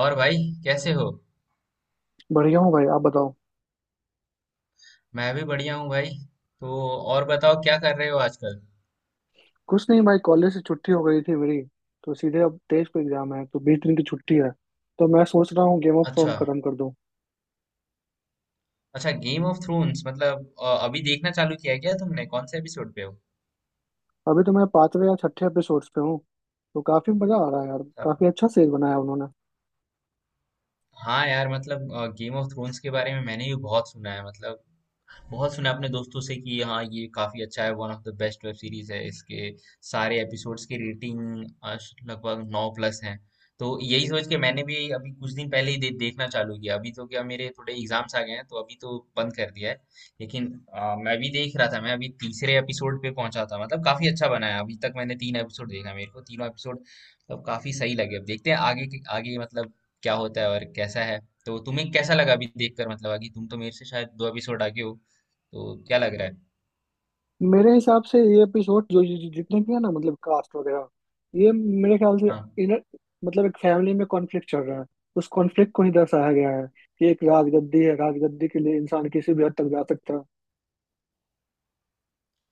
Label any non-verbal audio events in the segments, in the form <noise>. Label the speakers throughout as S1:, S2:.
S1: और भाई कैसे हो।
S2: बढ़िया हूँ भाई। आप बताओ।
S1: मैं भी बढ़िया हूँ भाई। तो और बताओ क्या कर रहे हो आजकल।
S2: कुछ नहीं भाई, कॉलेज से छुट्टी हो गई थी मेरी। तो सीधे अब 23 को एग्जाम है, तो 20 दिन की छुट्टी है। तो मैं सोच रहा हूँ गेम ऑफ थ्रोन
S1: अच्छा,
S2: खत्म कर दूँ।
S1: अच्छा गेम ऑफ थ्रोन्स मतलब अभी देखना चालू किया है क्या तुमने? कौन से एपिसोड पे हो?
S2: अभी तो मैं पांचवे या छठे एपिसोड पे हूँ। तो काफी मजा आ रहा है यार, काफी
S1: अब-
S2: अच्छा सीरीज बनाया उन्होंने।
S1: हाँ यार मतलब गेम ऑफ थ्रोन्स के बारे में मैंने भी बहुत सुना है, मतलब बहुत सुना अपने दोस्तों से कि हाँ ये काफ़ी अच्छा है, one of the best web series है। इसके सारे एपिसोड्स की रेटिंग लगभग 9 प्लस हैं। तो यही सोच के मैंने भी अभी कुछ दिन पहले ही देखना चालू किया। अभी तो क्या मेरे थोड़े एग्जाम्स आ गए हैं तो अभी तो बंद कर दिया है। लेकिन मैं भी देख रहा था, मैं अभी 3रे एपिसोड पे पहुंचा था। मतलब काफ़ी अच्छा बना है, अभी तक मैंने 3 एपिसोड देखा, मेरे को 3नों एपिसोड मतलब काफ़ी सही लगे। अब देखते हैं आगे मतलब क्या होता है और कैसा है। तो तुम्हें कैसा लगा अभी देखकर? मतलब आगे, तुम तो मेरे से शायद 2 एपिसोड आगे हो, तो क्या लग रहा है?
S2: मेरे हिसाब से ये एपिसोड जो जो- जो- जितने भी है ना, मतलब कास्ट वगैरह, ये मेरे ख्याल से
S1: हाँ
S2: इनर, मतलब एक फैमिली में कॉन्फ्लिक्ट चल रहा है। उस कॉन्फ्लिक्ट को ही दर्शाया गया है कि एक राजगद्दी है, राजगद्दी के लिए इंसान किसी भी हद तक जा सकता है।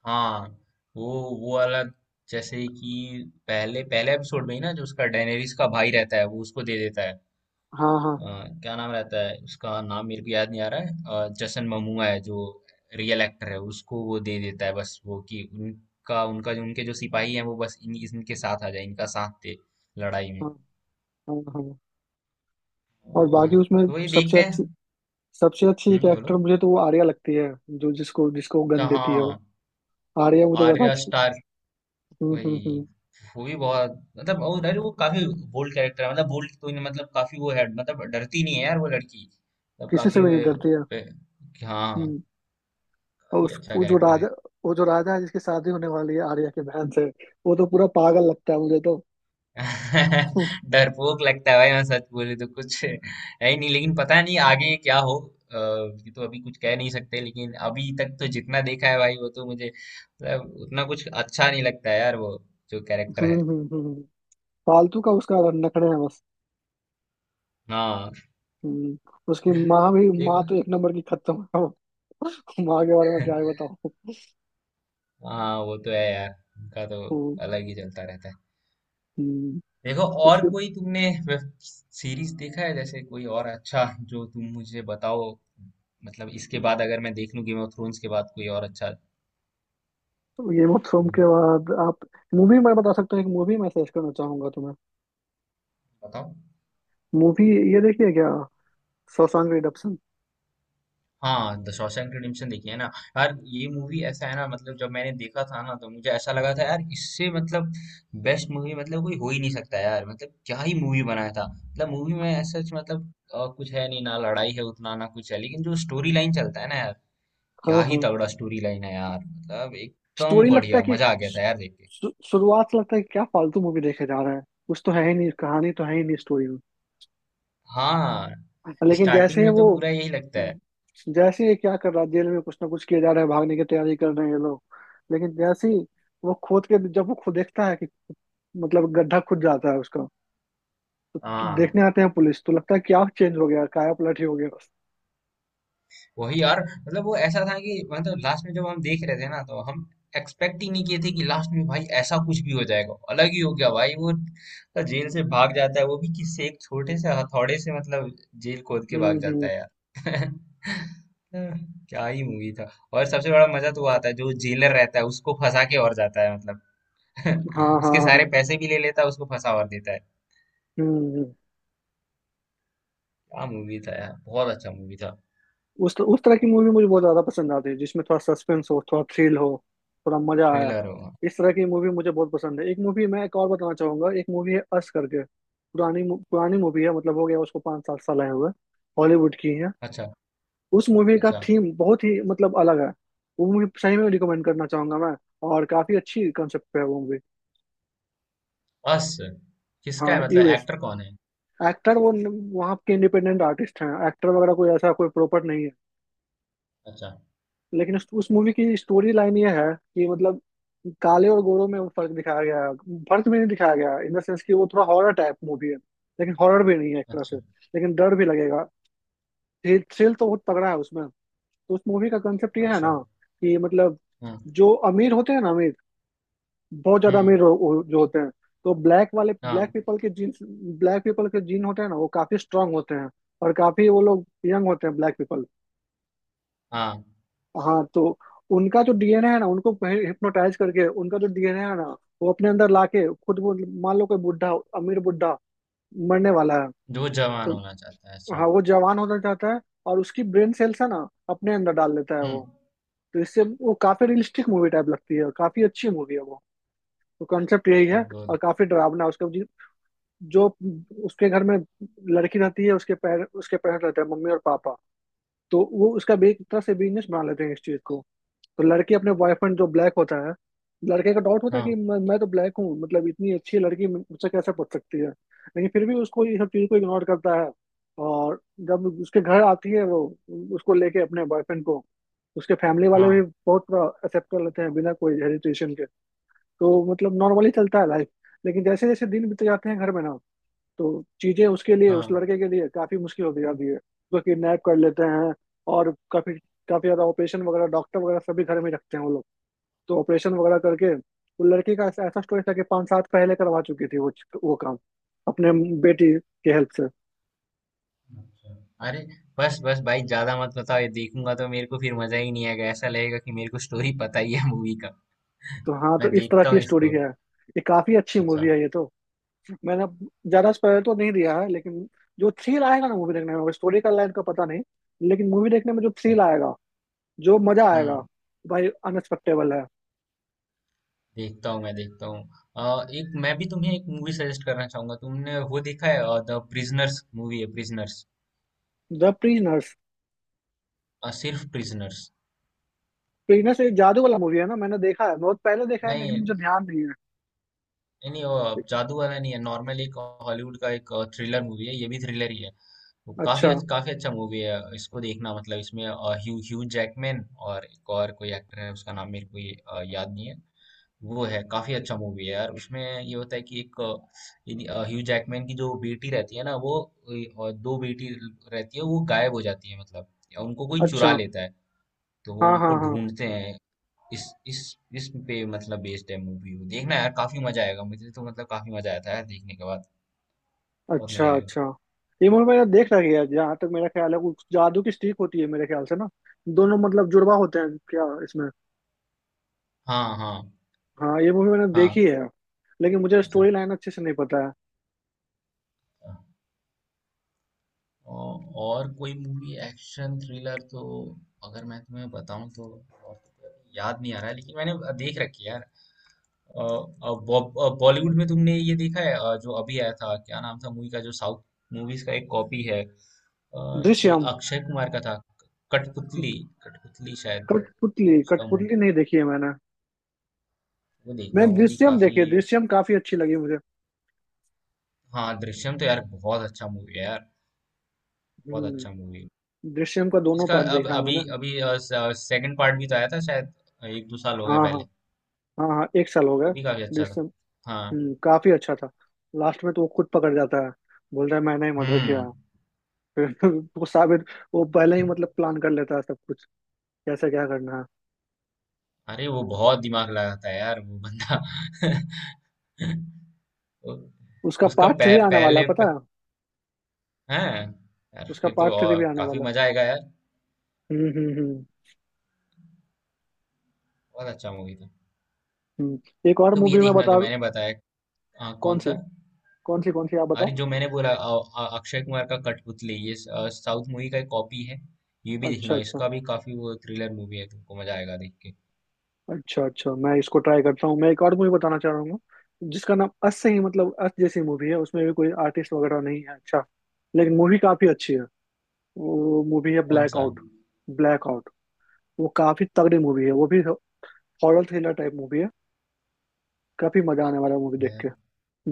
S1: हाँ, वो वो वाला जैसे कि पहले पहले एपिसोड में ही ना, जो उसका डेनेरिस का भाई रहता है वो उसको दे देता है।
S2: हाँ हाँ
S1: अ, क्या नाम रहता है उसका, नाम मेरे को याद नहीं आ रहा है, जसन ममूआ है जो रियल एक्टर है, उसको वो दे देता है, बस वो कि उनका उनका जो उनके जो सिपाही हैं वो बस इन इनके साथ आ जाए, इनका साथ दे लड़ाई में।
S2: हाँ हाँ हाँ।
S1: अ,
S2: और बाकी उसमें
S1: तो ये
S2: सबसे
S1: देखते
S2: अच्छी,
S1: हैं।
S2: सबसे अच्छी एक
S1: हम्म, बोलो।
S2: एक्टर मुझे तो वो आर्या लगती है, जो जिसको जिसको
S1: अच्छा,
S2: गन देती है वो।
S1: हाँ।
S2: आर्या मुझे ज्यादा
S1: आर्या
S2: अच्छी।
S1: स्टार कोई,
S2: हम्म।
S1: वो भी बहुत, मतलब वो अरे वो काफी बोल्ड कैरेक्टर है, मतलब बोल्ड कोई नहीं, मतलब काफी वो है, मतलब डरती नहीं है यार वो लड़की, मतलब
S2: किसी से
S1: काफी
S2: भी
S1: वो
S2: नहीं डरती है।
S1: पे- कि हाँ,
S2: हम्म। और
S1: ये
S2: उस
S1: अच्छा
S2: वो जो
S1: कैरेक्टर
S2: राजा,
S1: है।
S2: वो जो राजा है जिसकी शादी होने वाली है आर्या की बहन से, वो तो पूरा पागल लगता है मुझे तो। <laughs> हम्म
S1: <laughs> डरपोक लगता है भाई, मैं सच बोलूं तो कुछ है ही नहीं, लेकिन पता नहीं आगे क्या हो। ये तो अभी कुछ कह नहीं सकते, लेकिन अभी तक तो जितना देखा है भाई, वो तो मुझे मतलब उतना कुछ अच्छा नहीं लगता है यार, वो जो कैरेक्टर
S2: हम्म
S1: है।
S2: हम्म हम्म, फालतू का उसका नखरे है बस।
S1: हाँ।
S2: हम्म। उसकी माँ भी,
S1: देखो।
S2: माँ तो एक नंबर की खत्म है <laughs> वो। माँ के बारे में क्या ही
S1: <laughs>
S2: बताऊं।
S1: हाँ वो तो है यार, उनका तो
S2: <laughs> हम्म,
S1: अलग ही चलता रहता है।
S2: हम्म।
S1: देखो और
S2: उसकी।
S1: कोई तुमने वेब सीरीज देखा है जैसे, कोई और अच्छा जो तुम मुझे बताओ, मतलब इसके बाद अगर मैं देख लूं गेम ऑफ थ्रोन्स के बाद कोई और अच्छा।
S2: तो गेम ऑफ थ्रोन के बाद आप, मूवी मैं बता सकता हूँ, एक मूवी मैं सजेस्ट करना चाहूंगा तुम्हें।
S1: बताओ।
S2: मूवी ये देखिए, क्या, शॉशैंक रिडेम्पशन।
S1: हाँ, द शॉशैंक रिडेम्पशन देखी है ना। यार ये मूवी ऐसा है ना, मतलब जब मैंने देखा था ना तो मुझे ऐसा लगा था यार इससे मतलब बेस्ट मूवी मतलब कोई हो ही नहीं सकता यार, मतलब क्या ही मूवी बनाया था, मतलब मूवी में सच मतलब कुछ है नहीं ना, लड़ाई है उतना ना कुछ है, लेकिन जो स्टोरी लाइन चलता है ना यार,
S2: हाँ
S1: क्या ही
S2: हाँ।
S1: तगड़ा स्टोरी लाइन है यार, मतलब एकदम
S2: स्टोरी लगता है
S1: बढ़िया,
S2: कि
S1: मजा आ गया था यार देख के।
S2: शुरुआत से लगता है कि क्या फालतू मूवी देखे जा रहा है, कुछ तो है ही नहीं, कहानी तो है ही नहीं स्टोरी में।
S1: हाँ,
S2: लेकिन जैसे
S1: स्टार्टिंग
S2: ही
S1: में तो
S2: वो,
S1: पूरा यही लगता है।
S2: जैसे ये क्या कर रहा है जेल में, कुछ ना कुछ किया जा रहा है, भागने की तैयारी कर रहे हैं ये लोग। लेकिन जैसे ही वो खोद के, जब वो खुद देखता है कि, मतलब गड्ढा खुद जाता है उसका, तो
S1: हाँ,
S2: देखने आते हैं पुलिस, तो लगता है क्या चेंज हो गया, काया पलट ही हो गया बस।
S1: वही यार, मतलब वो ऐसा था कि मतलब लास्ट में जब हम देख रहे थे ना तो हम एक्सपेक्ट ही नहीं किए थे कि लास्ट में भाई ऐसा कुछ भी हो जाएगा, अलग ही हो गया भाई। वो तो जेल से भाग जाता है वो भी किससे, एक छोटे से हथौड़े से, मतलब जेल खोद के भाग जाता
S2: हम्म।
S1: है यार। <laughs> क्या ही मूवी था। और सबसे बड़ा मजा तो वो आता है जो जेलर रहता है उसको फंसा के और जाता है, मतलब
S2: हाँ हाँ
S1: <laughs> उसके
S2: हाँ।
S1: सारे पैसे भी ले लेता है, उसको फंसा और देता है।
S2: हम्म।
S1: क्या मूवी था यार, बहुत अच्छा मूवी था।
S2: उस तरह की मूवी मुझे बहुत ज्यादा पसंद आती है जिसमें थोड़ा सस्पेंस हो, थोड़ा थ्रिल हो, थोड़ा मजा आया।
S1: थ्रिलर होगा।
S2: इस तरह की मूवी मुझे बहुत पसंद है। एक मूवी मैं एक और बताना चाहूंगा, एक मूवी है अस करके, पुरानी पुरानी मूवी है, मतलब हो गया उसको 5 7 साल आए हुए। हॉलीवुड की है।
S1: अच्छा,
S2: उस मूवी का
S1: अच्छा।
S2: थीम बहुत ही मतलब अलग है। वो मूवी सही में रिकमेंड करना चाहूंगा मैं। और काफी अच्छी कंसेप्ट पे है वो मूवी।
S1: अस किसका
S2: हाँ
S1: है, मतलब
S2: यूएस।
S1: एक्टर कौन है?
S2: एक्टर वो वहाँ के इंडिपेंडेंट आर्टिस्ट हैं, एक्टर वगैरह कोई ऐसा कोई प्रॉपर नहीं है।
S1: अच्छा।
S2: लेकिन उस मूवी की स्टोरी लाइन ये है कि मतलब काले और गोरों में वो फर्क दिखाया गया है। फर्क भी नहीं दिखाया गया इन द सेंस, कि वो थोड़ा हॉरर टाइप मूवी है, लेकिन हॉरर भी नहीं है एक तरह से।
S1: अच्छा।
S2: लेकिन डर भी लगेगा। थ्रिल तो बहुत तगड़ा है उसमें। तो उस मूवी का कंसेप्ट ये है
S1: अच्छा।
S2: ना, कि मतलब
S1: हम्म।
S2: जो अमीर होते हैं ना, अमीर बहुत ज्यादा
S1: हम्म।
S2: अमीर जो होते हैं, तो ब्लैक वाले, ब्लैक
S1: हाँ।
S2: पीपल के जीन, ब्लैक पीपल के जीन होते हैं ना, वो काफी स्ट्रांग होते हैं। और काफी वो लोग यंग होते हैं ब्लैक पीपल।
S1: हाँ,
S2: हाँ। तो उनका जो डीएनए है ना, उनको हिप्नोटाइज करके उनका जो डीएनए है ना, वो अपने अंदर लाके खुद वो, मान लो कोई बुढ़ा, अमीर बुढ़ा, मरने वाला है,
S1: जो जवान
S2: तो
S1: होना चाहता है,
S2: हाँ
S1: अच्छा।
S2: वो जवान होना चाहता है, और उसकी ब्रेन सेल्स है ना अपने अंदर डाल लेता है
S1: हम्म।
S2: वो। तो इससे वो काफी रियलिस्टिक मूवी टाइप लगती है और काफी अच्छी मूवी है वो। तो कॉन्सेप्ट यही है
S1: अब
S2: और
S1: बोल।
S2: काफी डरावना है उसका। जो उसके घर में लड़की रहती है, उसके पैर उसके पेरेंट्स रहते हैं, मम्मी और पापा, तो वो उसका एक तरह से बिजनेस बना लेते हैं इस चीज को। तो लड़की अपने बॉयफ्रेंड जो ब्लैक होता है, लड़के का डाउट होता है कि
S1: हाँ।
S2: मैं तो ब्लैक हूँ, मतलब इतनी अच्छी लड़की मुझसे कैसे पूछ सकती है, लेकिन फिर भी उसको ये सब चीज को इग्नोर करता है। और जब उसके घर आती है वो, उसको लेके अपने बॉयफ्रेंड को, उसके फैमिली वाले भी
S1: हाँ।
S2: बहुत एक्सेप्ट कर लेते हैं बिना कोई हेजिटेशन के। तो मतलब नॉर्मली चलता है लाइफ। लेकिन जैसे जैसे दिन बीते जाते हैं घर में ना, तो चीजें उसके लिए, उस
S1: हाँ।
S2: लड़के के लिए काफी मुश्किल होती जाती है, उसको किडनैप कर लेते हैं। और काफी, काफी ज्यादा ऑपरेशन वगैरह, डॉक्टर वगैरह सभी घर में रखते हैं वो लोग। तो ऑपरेशन वगैरह करके वो लड़की का, ऐसा ऐसा स्टोरी था कि 5 साल पहले करवा चुकी थी वो काम, अपने बेटी के हेल्प से।
S1: अच्छा। अरे बस बस भाई, ज्यादा मत बताओ, ये देखूंगा तो मेरे को फिर मजा ही नहीं आएगा, ऐसा लगेगा कि मेरे को स्टोरी पता ही है मूवी का।
S2: तो हाँ, तो
S1: मैं
S2: इस तरह
S1: देखता हूँ
S2: की स्टोरी
S1: इसको।
S2: है। ये काफी अच्छी
S1: अच्छा।
S2: मूवी है ये तो। मैंने ज्यादा स्पॉइलर तो नहीं दिया है, लेकिन जो थ्रिल आएगा ना मूवी देखने में, स्टोरी का लाइन का पता नहीं, लेकिन मूवी देखने में जो
S1: अच्छा।
S2: थ्रिल आएगा, जो मजा आएगा,
S1: हम्म।
S2: भाई अनएक्सपेक्टेबल है।
S1: देखता हूँ, मैं देखता हूँ। एक मैं भी तुम्हें एक मूवी सजेस्ट करना चाहूंगा, तुमने वो देखा है द प्रिजनर्स? मूवी है प्रिजनर्स,
S2: द प्रीनर्स।
S1: सिर्फ प्रिजनर्स।
S2: प्रीनर्स एक जादू वाला मूवी है ना, मैंने देखा है, बहुत पहले देखा है,
S1: नहीं
S2: लेकिन मुझे
S1: नहीं,
S2: ध्यान नहीं है।
S1: नहीं, वो जादू वाला नहीं है, नॉर्मल एक हॉलीवुड का एक थ्रिलर मूवी है, ये भी थ्रिलर ही है। वो काफी
S2: अच्छा।
S1: काफी अच्छा मूवी है, इसको देखना, मतलब इसमें ह्यू ह्यू जैकमैन और एक और कोई एक्टर है उसका नाम मेरे को याद नहीं है। वो है काफी अच्छा मूवी है यार, उसमें ये होता है कि एक ह्यू जैकमैन की जो बेटी रहती है ना वो और दो बेटी रहती है, वो गायब हो जाती है, मतलब या उनको कोई चुरा
S2: अच्छा।
S1: लेता है, तो वो
S2: हाँ
S1: उनको
S2: हाँ हाँ।
S1: ढूंढते हैं। इस इस इस पे मतलब बेस्ड है मूवी। वो देखना यार, काफी मजा आएगा, मुझे तो मतलब काफी मजा आया था यार देखने के बाद, बहुत
S2: अच्छा
S1: मजा आएगा।
S2: अच्छा। ये मूवी मैंने देख रखी है, जहाँ तक मेरा ख्याल है कुछ जादू की स्टिक होती है मेरे ख्याल से ना। दोनों मतलब जुड़वा होते हैं क्या इसमें।
S1: हाँ हाँ
S2: हाँ ये मूवी मैंने
S1: हाँ।
S2: देखी है। लेकिन मुझे
S1: अच्छा।
S2: स्टोरी लाइन अच्छे से नहीं पता है।
S1: हाँ। और कोई मूवी एक्शन थ्रिलर तो अगर मैं तुम्हें बताऊं तो, और तो कोई अभी याद नहीं आ रहा है, लेकिन मैंने देख रखी है यार। अ, बॉलीवुड में तुमने ये देखा है जो अभी आया था, क्या नाम था मूवी का जो साउथ मूवीज का एक कॉपी है ये
S2: दृश्यम।
S1: अक्षय कुमार का था। कठपुतली, कठपुतली शायद।
S2: कठपुतली,
S1: उसका मु-
S2: कठपुतली नहीं देखी है मैंने।
S1: वो देखना,
S2: मैंने
S1: वो भी
S2: दृश्यम
S1: काफी।
S2: देखी है, दृश्यम काफी अच्छी लगी मुझे।
S1: हाँ दृश्यम तो यार बहुत अच्छा मूवी है यार, बहुत अच्छा
S2: हम्म।
S1: मूवी।
S2: दृश्यम का दोनों
S1: इसका
S2: पार्ट
S1: अब
S2: देखा है
S1: अभी
S2: मैंने।
S1: अभी सेकंड पार्ट भी तो आया था शायद, 1 2 साल हो गए
S2: हाँ हाँ।
S1: पहले।
S2: हाँ हाँ एक साल हो
S1: वो
S2: गया।
S1: भी काफी अच्छा
S2: जिससे।
S1: था। हाँ।
S2: काफी अच्छा था। लास्ट में तो वो खुद पकड़ जाता है, बोल रहा है मैंने ही मर्डर किया, फिर <laughs> वो साबित, वो पहले ही
S1: हम्म।
S2: मतलब प्लान कर लेता है सब कुछ, कैसे क्या करना है।
S1: अरे वो बहुत दिमाग लगाता है यार वो बंदा। <laughs> उ-
S2: उसका
S1: उसका
S2: पार्ट
S1: पह,
S2: थ्री आने वाला है,
S1: पहले प,
S2: पता है।
S1: हाँ यार
S2: उसका
S1: फिर तो
S2: पार्ट थ्री
S1: और
S2: भी आने
S1: काफी
S2: वाला है।
S1: मजा आएगा यार।
S2: हम्म।
S1: बहुत अच्छा मूवी था।
S2: हम्म। एक और
S1: तुम ये
S2: मूवी में
S1: देखना
S2: बता।
S1: जो मैंने बताया।
S2: कौन
S1: कौन सा?
S2: सी। कौन सी, कौन सी आप बताओ।
S1: अरे जो मैंने बोला अक्षय कुमार का कठपुतली, ये साउथ मूवी का एक कॉपी है, ये भी
S2: अच्छा
S1: देखना,
S2: अच्छा।
S1: इसका भी काफी वो थ्रिलर मूवी है, तुमको मजा आएगा देख के।
S2: अच्छा अच्छा मैं इसको ट्राई करता हूँ। मैं एक और मूवी बताना चाह रहा हूँ, जिसका नाम अस से ही, मतलब अस जैसी मूवी है, उसमें भी कोई आर्टिस्ट वगैरह नहीं है, अच्छा, लेकिन मूवी काफी अच्छी है। वो मूवी है
S1: कौन
S2: ब्लैक
S1: सा?
S2: आउट। Black out. वो काफी तगड़ी मूवी है वो भी, हॉरर थ्रिलर टाइप मूवी है। काफी मजा आने वाला है मूवी देख के।
S1: मैं-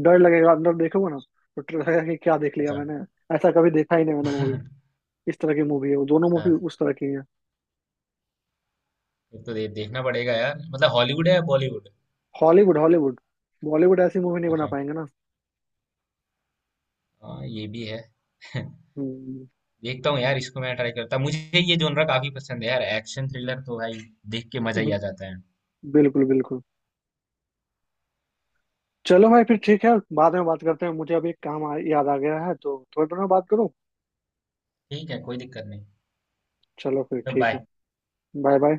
S2: डर लगेगा, अंदर देखोगे ना तो डर लगेगा कि क्या देख लिया
S1: अच्छा।
S2: मैंने। ऐसा कभी देखा ही नहीं
S1: <laughs>
S2: मैंने
S1: अच्छा,
S2: मूवी, इस तरह की मूवी है वो, दोनों मूवी उस तरह की है।
S1: ये तो देखना पड़ेगा यार। मतलब हॉलीवुड है या बॉलीवुड?
S2: Hollywood Hollywood. बॉलीवुड ऐसी मूवी नहीं बना
S1: अच्छा।
S2: पाएंगे ना।
S1: हाँ ये भी है। <laughs>
S2: हम्म।
S1: देखता हूँ यार, इसको मैं ट्राई करता, मुझे ये जोनरा काफी पसंद है यार, एक्शन थ्रिलर तो भाई देख के मजा ही
S2: हम्म,
S1: आ जाता है।
S2: बिल्कुल बिल्कुल। चलो भाई फिर ठीक है, बाद में बात करते हैं, मुझे अभी एक काम याद आ गया है, तो थोड़ी देर में बात करूँ।
S1: ठीक है, कोई दिक्कत नहीं।
S2: चलो फिर
S1: तो
S2: ठीक है।
S1: बाय।
S2: Bye bye.